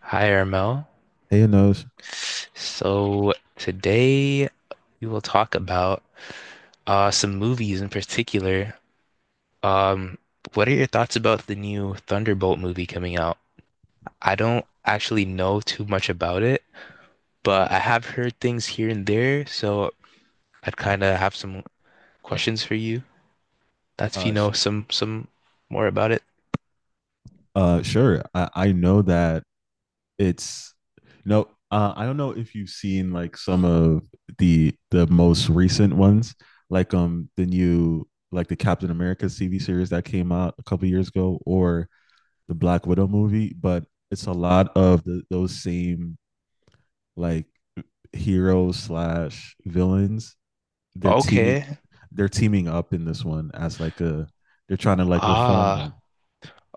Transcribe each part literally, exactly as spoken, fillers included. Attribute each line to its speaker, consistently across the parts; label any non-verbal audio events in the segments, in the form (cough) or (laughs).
Speaker 1: Hi, Ermo.
Speaker 2: Hey, Anosh.
Speaker 1: So today we will talk about uh, some movies in particular. Um, what are your thoughts about the new Thunderbolt movie coming out? I don't actually know too much about it, but I have heard things here and there, so I'd kind of have some questions for you. That's if you
Speaker 2: Uh, sh-
Speaker 1: know some some more about it.
Speaker 2: uh, sure. I, I know that it's no. Uh, I don't know if you've seen like some of the the most recent ones, like um the new, like the Captain America T V series that came out a couple years ago, or the Black Widow movie. But it's a lot of the, those same, like, heroes slash villains, they're teaming
Speaker 1: Okay.
Speaker 2: they're teaming up in this one as like a, they're trying to like reform
Speaker 1: Ah.
Speaker 2: them.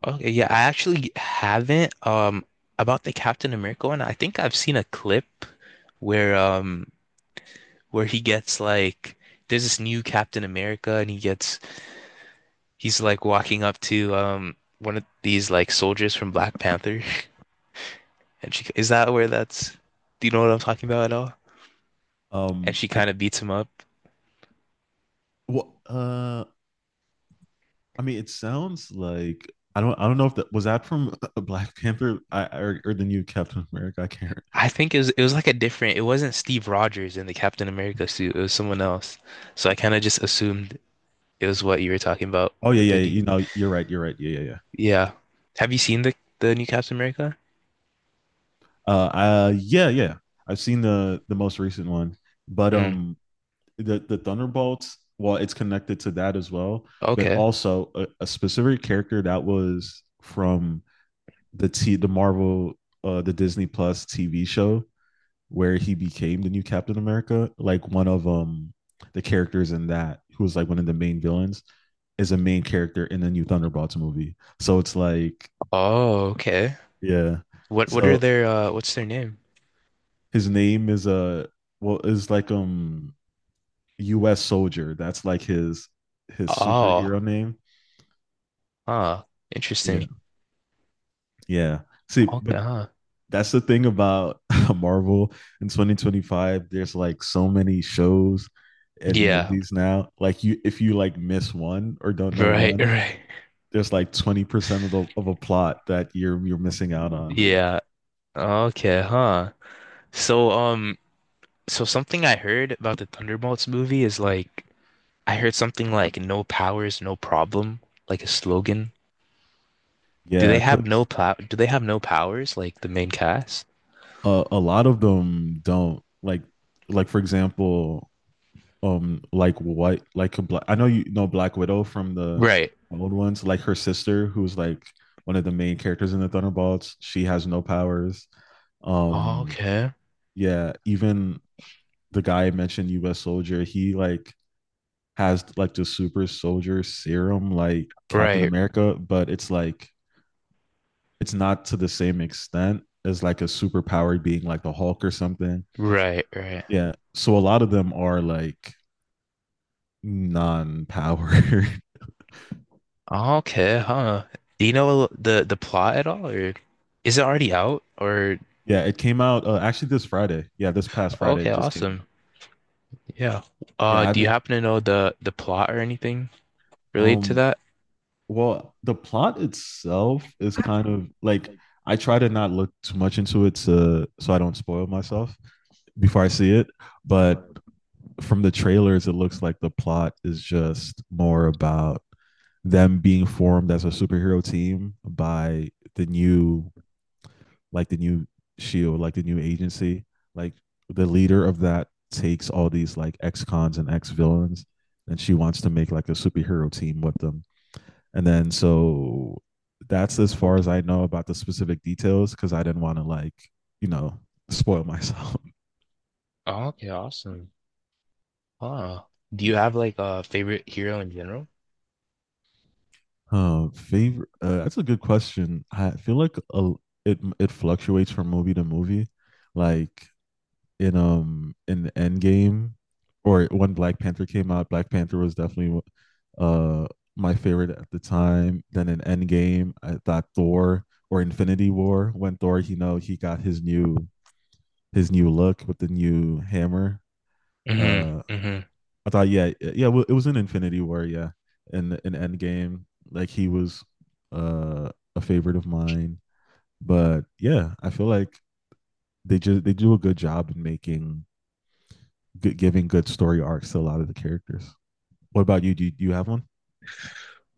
Speaker 1: Okay, yeah, I actually haven't. Um, about the Captain America one, I think I've seen a clip where um where he gets like there's this new Captain America and he gets he's like walking up to um one of these like soldiers from Black Panther (laughs) and she is that where that's do you know what I'm talking about at all? And
Speaker 2: Um,
Speaker 1: she
Speaker 2: I
Speaker 1: kind of beats him up.
Speaker 2: well, uh, I mean, it sounds like I don't I don't know if that was that from (laughs) Black Panther I, or or the new Captain America. I can't.
Speaker 1: I think it was it was like a different it wasn't Steve Rogers in the Captain America suit, it was someone else. So I kind of just assumed it was what you were talking about
Speaker 2: Oh yeah,
Speaker 1: with
Speaker 2: yeah, yeah.
Speaker 1: the
Speaker 2: You know, you're right. You're right. Yeah, yeah, yeah.
Speaker 1: Yeah. Have you seen the the new Captain America?
Speaker 2: Uh, uh, yeah, yeah. I've seen the the most recent one, but
Speaker 1: Mm.
Speaker 2: um, the the Thunderbolts. Well, it's connected to that as well, but
Speaker 1: Okay.
Speaker 2: also a, a specific character that was from the T the Marvel, uh the Disney Plus T V show where he became the new Captain America. Like one of um the characters in that who was like one of the main villains is a main character in the new Thunderbolts movie. So it's like,
Speaker 1: Oh, okay.
Speaker 2: yeah.
Speaker 1: What what are
Speaker 2: So
Speaker 1: their uh what's their name?
Speaker 2: his name is a, uh, well, is like um U S soldier. That's like his his superhero
Speaker 1: Oh.
Speaker 2: name.
Speaker 1: Huh.
Speaker 2: Yeah,
Speaker 1: Interesting.
Speaker 2: yeah. See,
Speaker 1: Okay,
Speaker 2: but
Speaker 1: huh.
Speaker 2: that's the thing about (laughs) Marvel in twenty twenty-five. There's like so many shows and
Speaker 1: Yeah.
Speaker 2: movies now. Like, you, if you like miss one or don't know
Speaker 1: Right, (laughs)
Speaker 2: one,
Speaker 1: right.
Speaker 2: there's like twenty percent of the of a plot that you're you're missing out on.
Speaker 1: Yeah. Okay, huh. So um so something I heard about the Thunderbolts movie is like I heard something like no powers, no problem, like a slogan. Do they
Speaker 2: Yeah,
Speaker 1: have no
Speaker 2: because
Speaker 1: pow do they have no powers like the main cast?
Speaker 2: a, a lot of them don't, like like for example, um like white like a black I know, you know Black Widow from the
Speaker 1: Right.
Speaker 2: old ones, like her sister who's like one of the main characters in the Thunderbolts. She has no powers. Um
Speaker 1: Okay.
Speaker 2: yeah, even the guy I mentioned, U S Soldier, he like has like the super soldier serum like Captain
Speaker 1: Right,
Speaker 2: America, but it's like it's not to the same extent as like a superpowered being like the Hulk or something.
Speaker 1: right, right.
Speaker 2: Yeah. So a lot of them are like non-powered. (laughs)
Speaker 1: Okay, huh. Do you know the the plot at all, or is it already out? Or
Speaker 2: Yeah, it came out, uh, actually this Friday. Yeah, this past Friday
Speaker 1: okay,
Speaker 2: it just came
Speaker 1: awesome.
Speaker 2: out.
Speaker 1: Yeah.
Speaker 2: Yeah,
Speaker 1: Uh,
Speaker 2: I
Speaker 1: do you
Speaker 2: haven't
Speaker 1: happen to know the the plot or anything related to
Speaker 2: um
Speaker 1: that?
Speaker 2: well, the plot itself is kind of like,
Speaker 1: Like,
Speaker 2: I try to not look too much into it to, so I don't spoil myself before I see it, but
Speaker 1: but
Speaker 2: from the trailers it looks like the plot is just more about them being formed as a superhero team by the new like the new shield, like the new agency, like the leader of that takes all these like ex cons and ex villains, and she wants to make like a superhero team with them. And then so that's as far as
Speaker 1: Okay.
Speaker 2: I know about the specific details because I didn't want to like, you know, spoil (laughs) myself.
Speaker 1: Okay, awesome. Huh. Do you have like a favorite hero in general?
Speaker 2: Uh, favorite? Uh, that's a good question. I feel like a, it it fluctuates from movie to movie. Like, in um in the end, or when Black Panther came out, Black Panther was definitely, uh my favorite at the time. Then in Endgame, I thought Thor, or Infinity War, when Thor, you know, he got his new, his new look with the new hammer.
Speaker 1: Hmm
Speaker 2: Uh,
Speaker 1: hmm.
Speaker 2: I thought, yeah, yeah, well, it was in Infinity War, yeah, in in Endgame, like he was, uh a favorite of mine. But yeah, I feel like they just they do a good job in making good, giving good story arcs to a lot of the characters. What about you? Do you, do you have one?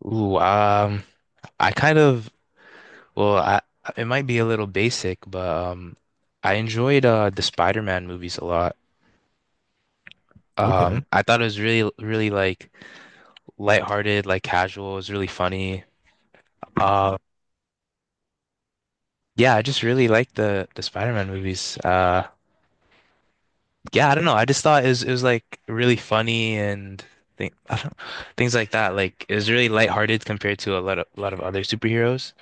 Speaker 1: Ooh, um, I kind of well, I it might be a little basic, but um, I enjoyed uh the Spider-Man movies a lot. Um,
Speaker 2: Okay.
Speaker 1: I thought it was really, really like lighthearted, like casual. It was really funny. Uh, yeah, I just really liked the the Spider-Man movies. Uh, yeah, I don't know. I just thought it was it was like really funny and thing, I don't, things like that. Like it was really lighthearted compared to a lot of a lot of other superheroes,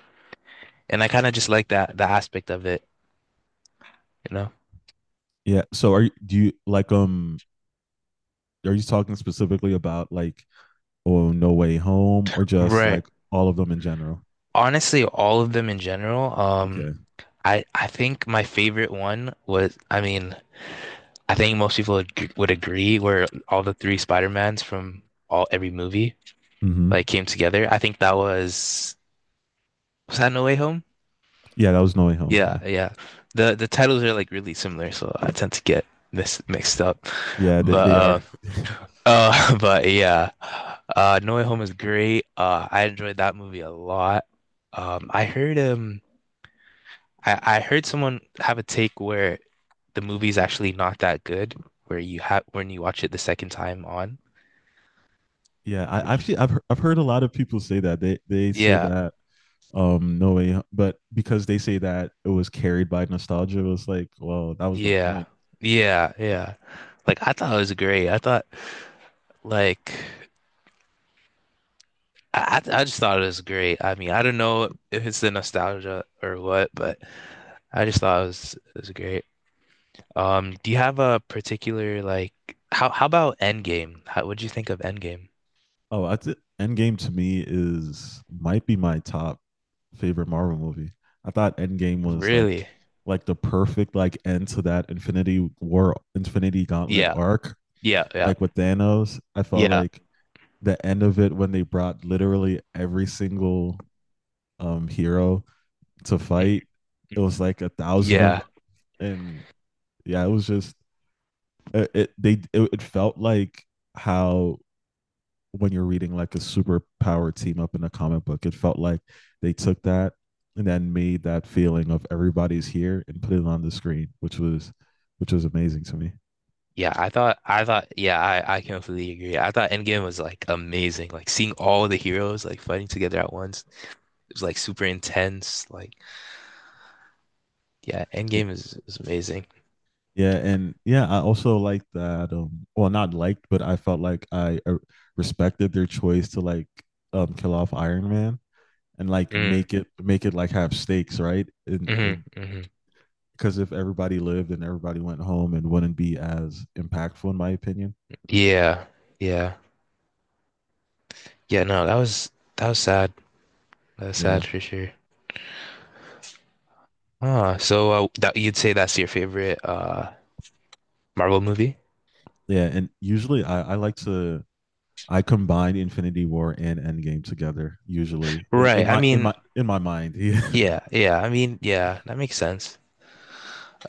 Speaker 1: and I kind of just like that the aspect of it, you know?
Speaker 2: Yeah. So are you, do you like, um are you talking specifically about like, oh, No Way Home, or just
Speaker 1: Right.
Speaker 2: like all of them in general?
Speaker 1: Honestly, all of them in general. Um,
Speaker 2: Okay.
Speaker 1: I I think my favorite one was, I mean, I think most people would, would agree were all the three Spider-Mans from all every movie. Like
Speaker 2: Mm-hmm.
Speaker 1: came together. I think that was was that No Way Home?
Speaker 2: Yeah, that was No Way Home.
Speaker 1: Yeah,
Speaker 2: Yeah.
Speaker 1: yeah. The the titles are like really similar, so I tend to get mis mixed up.
Speaker 2: Yeah, they,
Speaker 1: But
Speaker 2: they
Speaker 1: uh
Speaker 2: are.
Speaker 1: uh (laughs) but yeah. Uh, No Way Home is great. Uh, I enjoyed that movie a lot. Um I heard um I, I heard someone have a take where the movie's actually not that good where you have when you watch it the second time on.
Speaker 2: (laughs) Yeah, I
Speaker 1: Which
Speaker 2: actually I've he- I've heard a lot of people say that. They they say
Speaker 1: yeah.
Speaker 2: that um No Way Ho- but because they say that it was carried by nostalgia, it was like, well, that was the
Speaker 1: Yeah.
Speaker 2: point.
Speaker 1: Yeah. Yeah. Like I thought it was great. I thought like I I I just thought it was great. I mean, I don't know if it's the nostalgia or what, but I just thought it was it was great. Um, do you have a particular like how how about Endgame? How what'd you think of Endgame?
Speaker 2: Oh, that's it. Endgame to me is, might be my top favorite Marvel movie. I thought Endgame was like
Speaker 1: Really?
Speaker 2: like the perfect like end to that Infinity War, Infinity Gauntlet
Speaker 1: Yeah.
Speaker 2: arc.
Speaker 1: Yeah. Yeah.
Speaker 2: Like with Thanos, I felt
Speaker 1: Yeah.
Speaker 2: like the end of it when they brought literally every single um hero to
Speaker 1: Mhm.
Speaker 2: fight. It
Speaker 1: Mhm.
Speaker 2: was like a thousand of
Speaker 1: Yeah.
Speaker 2: them, and yeah, it was just, it, it they it, it felt like how, when you're reading like a superpower team up in a comic book. It felt like they took that and then made that feeling of everybody's here and put it on the screen, which was, which was amazing to me.
Speaker 1: Yeah, I thought I thought yeah, I I completely agree. I thought Endgame was like amazing. Like seeing all the heroes like fighting together at once. It was like super intense. Like, yeah,
Speaker 2: Yeah,
Speaker 1: Endgame is, is amazing.
Speaker 2: yeah, and yeah, I also liked that. Um, well, not liked, but I felt like I, uh, respected their choice to like, um kill off Iron Man and like
Speaker 1: Mm,
Speaker 2: make it make it like have stakes, right? And
Speaker 1: hmm hmm.
Speaker 2: because if everybody lived and everybody went home, it wouldn't be as impactful, in my opinion.
Speaker 1: Yeah, yeah, yeah. No, that was that was sad. That was
Speaker 2: Yeah.
Speaker 1: sad for sure. Ah, so uh, that you'd say that's your favorite uh Marvel movie?
Speaker 2: Yeah, and usually I, I like to, I combine Infinity War and Endgame together. Usually in,
Speaker 1: Right.
Speaker 2: in
Speaker 1: I
Speaker 2: my in my
Speaker 1: mean,
Speaker 2: in my mind. (laughs) Yeah.
Speaker 1: yeah, yeah. I mean, yeah. That makes sense.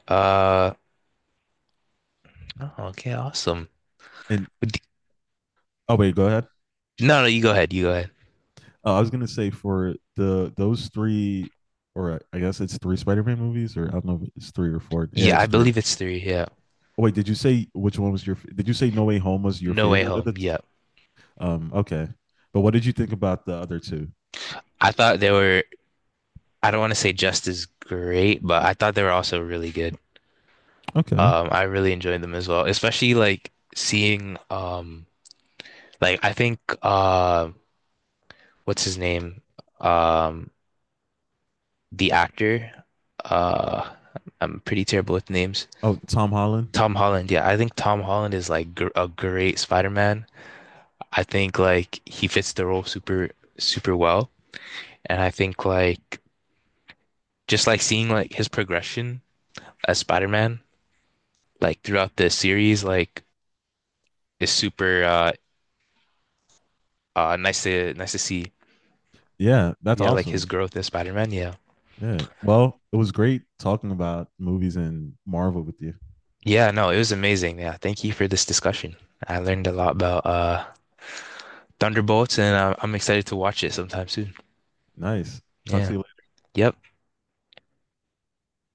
Speaker 1: Uh, oh, okay, awesome.
Speaker 2: And,
Speaker 1: But d-
Speaker 2: oh wait, go ahead.
Speaker 1: No, no, you go ahead. You go ahead.
Speaker 2: Uh, I was gonna say for the those three, or I guess it's three Spider-Man movies, or I don't know if it's three or four. Yeah,
Speaker 1: Yeah, I
Speaker 2: it's three.
Speaker 1: believe it's three. Yeah.
Speaker 2: Oh, wait, did you say which one was your? f- Did you say No Way Home was your
Speaker 1: No Way
Speaker 2: favorite? Of
Speaker 1: Home.
Speaker 2: the t-
Speaker 1: Yeah.
Speaker 2: um, okay, but what did you think about the other two?
Speaker 1: I thought they were. I don't want to say just as great, but I thought they were also really good.
Speaker 2: Okay.
Speaker 1: Um, I really enjoyed them as well, especially like seeing um like I think uh what's his name? Um the actor. Uh I'm pretty terrible with names.
Speaker 2: Oh, Tom Holland.
Speaker 1: Tom Holland, yeah, I think Tom Holland is like gr a great Spider-Man. I think like he fits the role super super well, and I think like just like seeing like his progression as Spider-Man like throughout the series like is super uh uh nice to nice to see.
Speaker 2: Yeah, that's
Speaker 1: Yeah, like his
Speaker 2: awesome.
Speaker 1: growth in Spider-Man. Yeah.
Speaker 2: Yeah. Well, it was great talking about movies and Marvel with you.
Speaker 1: Yeah, no, it was amazing. Yeah, thank you for this discussion. I learned a lot about uh Thunderbolts and uh, I'm excited to watch it sometime soon.
Speaker 2: Nice. Talk
Speaker 1: Yeah.
Speaker 2: to you later.
Speaker 1: Yep.